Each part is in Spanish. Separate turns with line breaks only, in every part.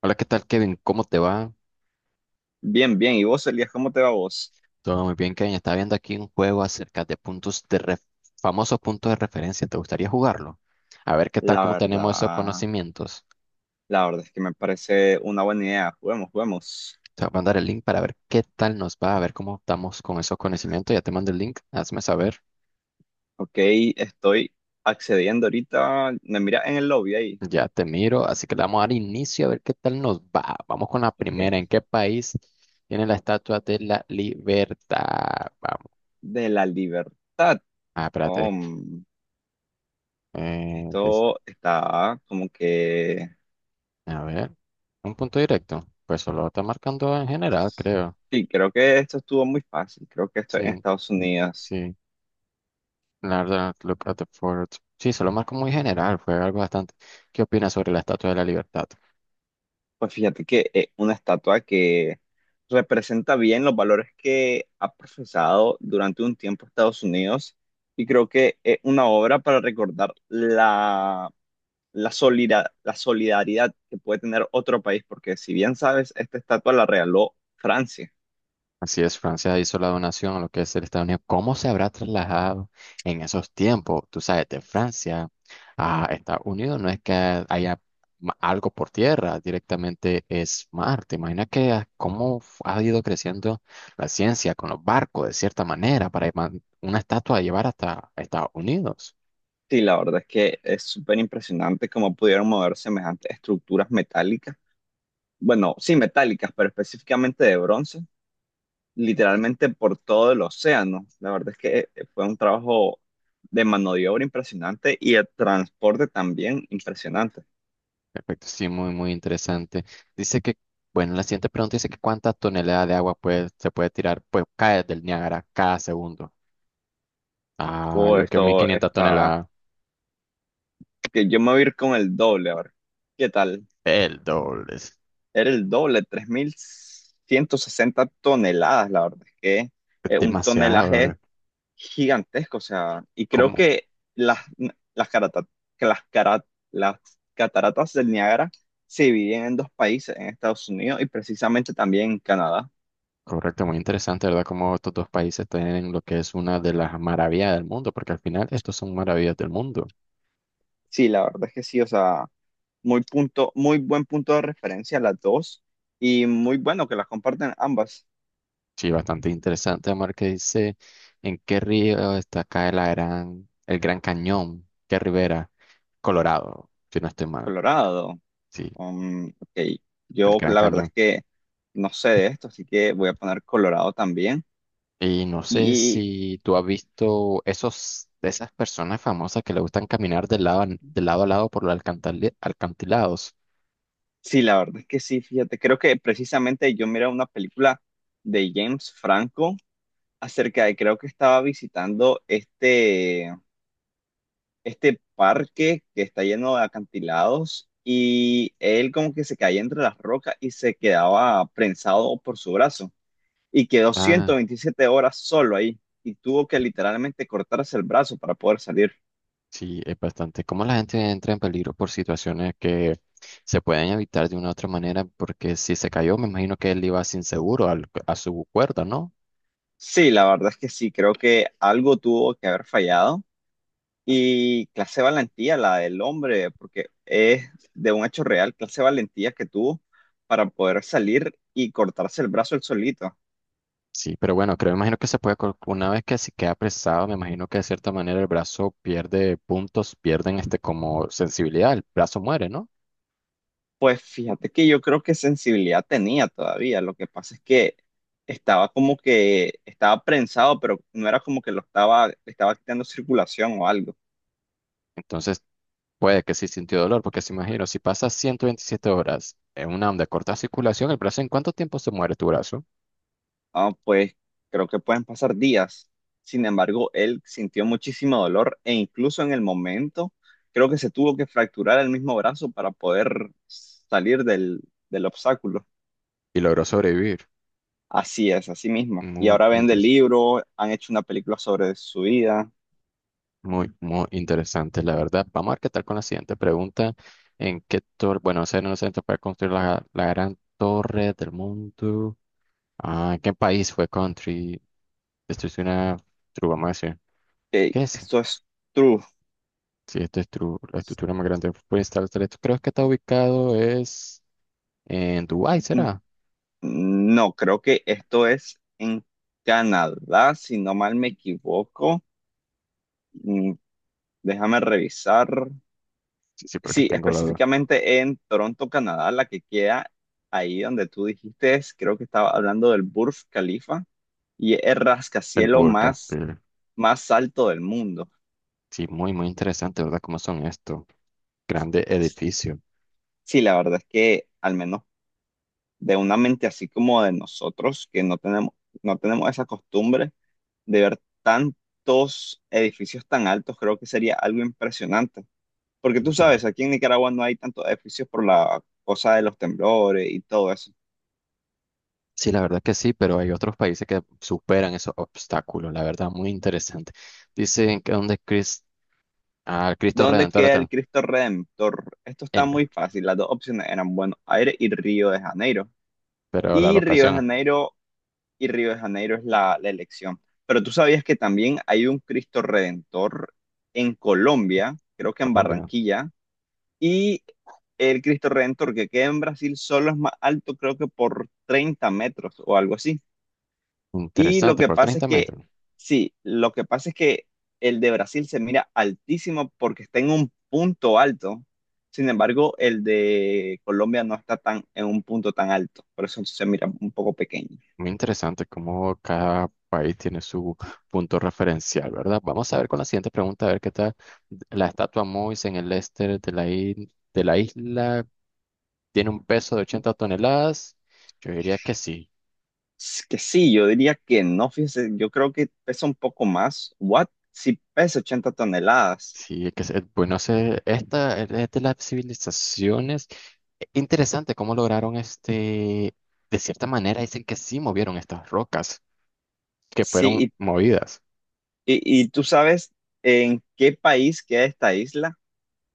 Hola, ¿qué tal, Kevin? ¿Cómo te va?
Bien, bien. ¿Y vos, Elías, cómo te va vos?
Todo muy bien, Kevin. Estaba viendo aquí un juego acerca de famosos puntos de referencia. ¿Te gustaría jugarlo? A ver qué tal,
La
cómo tenemos esos
verdad,
conocimientos.
la verdad es que me parece una buena idea. Juguemos, juguemos.
Te voy a mandar el link para ver qué tal nos va, a ver cómo estamos con esos conocimientos. Ya te mando el link, hazme saber.
Ok, estoy accediendo ahorita. Me mira en el lobby ahí.
Ya te miro, así que le vamos a dar inicio a ver qué tal nos va. Vamos con la primera.
Ok.
¿En qué país tiene la Estatua de la Libertad? Vamos.
De la libertad.
Ah,
Oh,
espérate. Eh,
esto está como que.
A ver, un punto directo. Pues solo está marcando en general, creo.
Sí, creo que esto estuvo muy fácil. Creo que esto es en
Sí,
Estados Unidos.
sí. La verdad, look at the fort. Sí, se lo marco muy general, fue algo bastante. ¿Qué opinas sobre la Estatua de la Libertad?
Pues fíjate que es una estatua que representa bien los valores que ha profesado durante un tiempo Estados Unidos y creo que es una obra para recordar la solidaridad que puede tener otro país, porque si bien sabes, esta estatua la regaló Francia.
Así es, Francia hizo la donación a lo que es el Estados Unidos. ¿Cómo se habrá trasladado en esos tiempos? Tú sabes, de Francia a Estados Unidos no es que haya algo por tierra, directamente es mar. ¿Te imaginas que cómo ha ido creciendo la ciencia con los barcos de cierta manera para una estatua a llevar hasta Estados Unidos?
Sí, la verdad es que es súper impresionante cómo pudieron mover semejantes estructuras metálicas, bueno, sí metálicas, pero específicamente de bronce literalmente por todo el océano. La verdad es que fue un trabajo de mano de obra impresionante y el transporte también impresionante.
Perfecto, sí, muy, muy interesante. Dice que, bueno, la siguiente pregunta dice que cuántas toneladas de agua pues, se puede tirar, pues cae del Niágara cada segundo. Ah,
Oh,
yo que mil quinientas toneladas.
que yo me voy a ir con el doble, a ver, ¿qué tal?
El doble. Es
Era el doble, tres mil ciento sesenta toneladas, la verdad es que un
demasiado,
tonelaje
¿verdad?
gigantesco, o sea, y creo
¿Cómo?
que las, las, carata- que las, cara- las cataratas del Niágara se dividen en dos países, en Estados Unidos y precisamente también en Canadá.
Correcto, muy interesante, ¿verdad? Cómo estos dos países tienen lo que es una de las maravillas del mundo, porque al final estos son maravillas del mundo.
Sí, la verdad es que sí, o sea, muy buen punto de referencia las dos y muy bueno que las comparten ambas.
Sí, bastante interesante, Amar, que dice en qué río está acá el Gran Cañón, qué ribera, Colorado, si no estoy mal.
Colorado,
Sí,
ok,
el
yo
Gran
la verdad es
Cañón.
que no sé de esto, así que voy a poner Colorado también.
Y no sé si tú has visto esos, de esas personas famosas que le gustan caminar de lado, de lado a lado por los alcantilados.
Sí, la verdad es que sí, fíjate, creo que precisamente yo miré una película de James Franco acerca de, creo que estaba visitando este parque que está lleno de acantilados y él como que se caía entre las rocas y se quedaba prensado por su brazo y quedó
Ah,
127 horas solo ahí y tuvo que literalmente cortarse el brazo para poder salir.
sí, es bastante. Cómo la gente entra en peligro por situaciones que se pueden evitar de una u otra manera, porque si se cayó, me imagino que él iba sin seguro a su cuerda, ¿no?
Sí, la verdad es que sí, creo que algo tuvo que haber fallado. Y clase valentía, la del hombre, porque es de un hecho real, clase valentía que tuvo para poder salir y cortarse el brazo él solito.
Sí, pero bueno, creo, me imagino que se puede, una vez que se queda apresado, me imagino que de cierta manera el brazo pierde puntos, pierden este como sensibilidad, el brazo muere, ¿no?
Pues fíjate que yo creo que sensibilidad tenía todavía. Lo que pasa es que estaba como que estaba prensado, pero no era como que lo estaba, le estaba quitando circulación o algo.
Entonces, puede que sí sintió dolor, porque se imagino, si pasas 127 horas en una onda de corta circulación, el brazo, ¿en cuánto tiempo se muere tu brazo?
Ah, pues creo que pueden pasar días. Sin embargo, él sintió muchísimo dolor e incluso en el momento creo que se tuvo que fracturar el mismo brazo para poder salir del obstáculo.
Y logró sobrevivir.
Así es, así mismo. Y
Muy
ahora venden
interesante,
libro, han hecho una película sobre su vida.
muy, muy interesante, la verdad. Vamos a ver qué tal con la siguiente pregunta. ¿En qué torre, bueno, no sé, no sé, para construir la gran torre del mundo? Ah, ¿en qué país fue country? Esto es una true, vamos a decir. ¿Qué es?
Esto es true.
Sí, esto es true, la estructura más grande fue instalada. Creo que está ubicado es en Dubái,
Mm,
¿será?
No, creo que esto es en Canadá, si no mal me equivoco. Mm, Déjame revisar.
Sí, sí, porque
Sí,
tengo la,
específicamente en Toronto, Canadá, la que queda ahí donde tú dijiste, es- creo que estaba hablando del Burj Khalifa y es el
el
rascacielo
burka,
más,
pero
más alto del mundo.
sí, muy, muy interesante, ¿verdad? ¿Cómo son estos grandes edificios?
Sí, la verdad es que al menos de una mente así como de nosotros, que no tenemos esa costumbre de ver tantos edificios tan altos, creo que sería algo impresionante. Porque tú
Entiendo.
sabes, aquí en Nicaragua no hay tantos edificios por la cosa de los temblores y todo eso.
Sí, la verdad que sí, pero hay otros países que superan esos obstáculos, la verdad, muy interesante. Dicen que donde Cristo
¿Dónde
Redentor
queda el
está
Cristo Redentor? Esto está
en,
muy fácil. Las dos opciones eran Buenos Aires y Río de Janeiro.
pero la
Y Río de
locación,
Janeiro y Río de Janeiro es la elección. Pero tú sabías que también hay un Cristo Redentor en Colombia, creo que en
Colombia,
Barranquilla, y el Cristo Redentor que queda en Brasil solo es más alto, creo que por 30 metros o algo así. Y lo
interesante,
que
por
pasa es
30
que,
metros.
sí, lo que pasa es que el de Brasil se mira altísimo porque está en un punto alto. Sin embargo, el de Colombia no está tan en un punto tan alto. Por eso se mira un poco pequeño.
Muy interesante cómo cada país tiene su punto referencial, ¿verdad? Vamos a ver con la siguiente pregunta, a ver qué tal. La estatua Mois en el este de de la isla tiene un peso de 80 toneladas. Yo diría que sí.
Es que sí, yo diría que no, fíjese, yo creo que pesa un poco más. ¿What? Sí, pesa 80 toneladas.
Sí, es que bueno, esta es de las civilizaciones. Interesante cómo lograron este, de cierta manera dicen que sí movieron estas rocas que fueron
Sí,
movidas.
y tú sabes en qué país queda esta isla.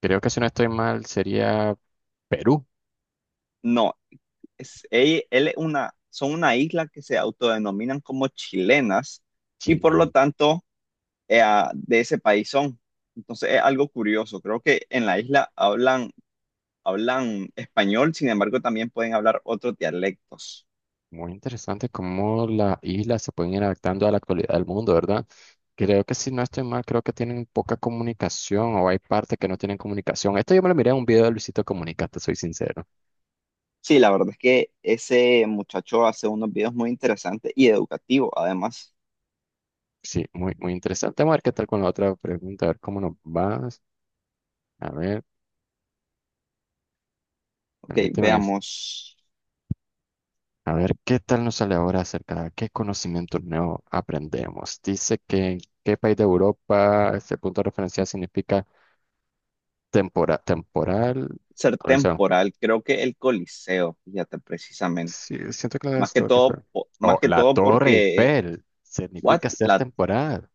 Creo que si no estoy mal sería Perú,
No, son una isla que se autodenominan como chilenas y por lo
Chile.
tanto de ese país son. Entonces es algo curioso. Creo que en la isla hablan español, sin embargo también pueden hablar otros dialectos.
Muy interesante cómo las islas se pueden ir adaptando a la actualidad del mundo, ¿verdad? Creo que si no estoy mal, creo que tienen poca comunicación o hay partes que no tienen comunicación. Esto yo me lo miré en un video de Luisito Comunica, te soy sincero.
Sí, la verdad es que ese muchacho hace unos videos muy interesantes y educativos además.
Sí, muy, muy interesante. Vamos a ver qué tal con la otra pregunta, a ver cómo nos vas. A ver,
Ok,
permíteme.
veamos.
A ver, ¿qué tal nos sale ahora acerca de qué conocimiento nuevo aprendemos? Dice que en qué país de Europa este punto de referencia significa temporal.
Ser temporal, creo que el Coliseo, fíjate precisamente.
Sí, siento que la
Más que
Torre
todo,
Eiffel.
po- más
O
que
la
todo
Torre
porque.
Eiffel
What?
significa ser
La
temporal.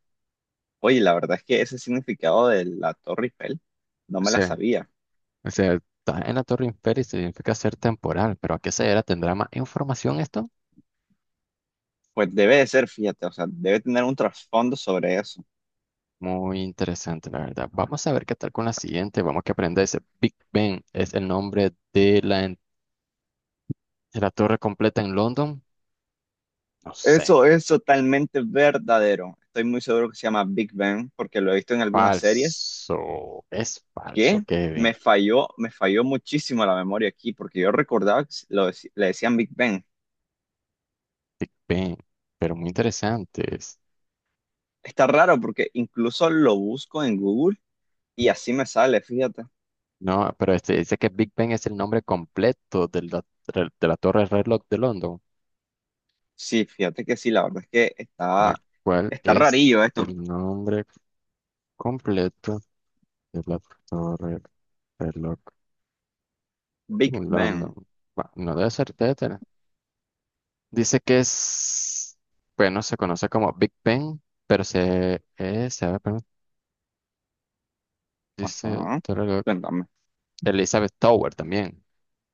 Oye, la verdad es que ese significado de la Torre Eiffel no
O
me la
sea,
sabía.
está en la Torre Eiffel y significa ser temporal. Pero ¿a qué se era? ¿Tendrá más información esto?
Pues debe de ser, fíjate, o sea, debe tener un trasfondo sobre eso.
Muy interesante, la verdad. Vamos a ver qué tal con la siguiente. Vamos que aprender ese. Big Ben es el nombre de de la torre completa en London. No sé.
Eso es totalmente verdadero. Estoy muy seguro que se llama Big Ben porque lo he visto en algunas series
Falso. Es falso,
que
Kevin.
me falló muchísimo la memoria aquí porque yo recordaba que lo le decían Big Ben.
Big Ben. Pero muy interesante.
Está raro porque incluso lo busco en Google y así me sale, fíjate.
No, pero este, dice que Big Ben es el nombre completo de la Torre del Reloj de London.
Sí, fíjate que sí, la verdad es que
Bueno,
está,
¿cuál
está
es
rarillo esto,
el nombre completo de la Torre del Reloj
Big
en London?
Ben.
Bueno, no debe ser, debe tener. Dice que es, bueno, se conoce como Big Ben, pero se llama, perdón, dice
Ajá.
Torre del Reloj,
Cuéntame.
Elizabeth Tower también.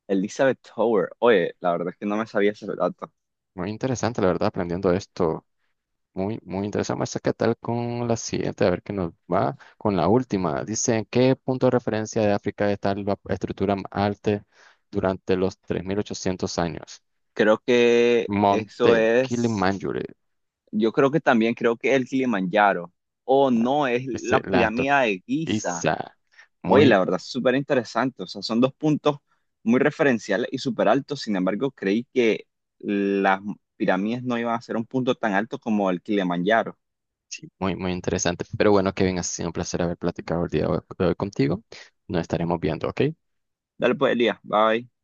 Elizabeth Tower. Oye, la verdad es que no me sabía ese dato.
Muy interesante, la verdad, aprendiendo esto. Muy, muy interesante. Vamos a ver qué tal con la siguiente, a ver qué nos va con la última. Dice, ¿en qué punto de referencia de África está la estructura más alta durante los 3.800 años?
Creo que eso
Monte
es.
Kilimanjaro.
Yo creo que también creo que el Kilimanjaro. O
Ah,
no, es
dice
la
la
pirámide de Giza.
Isa.
Oye,
Muy,
la verdad, súper interesante. O sea, son dos puntos muy referenciales y súper altos. Sin embargo, creí que las pirámides no iban a ser un punto tan alto como el Kilimanjaro.
sí, muy, muy interesante. Pero bueno, Kevin, ha sido un placer haber platicado el día de hoy contigo. Nos estaremos viendo, ¿ok?
Dale pues, Elías. Bye.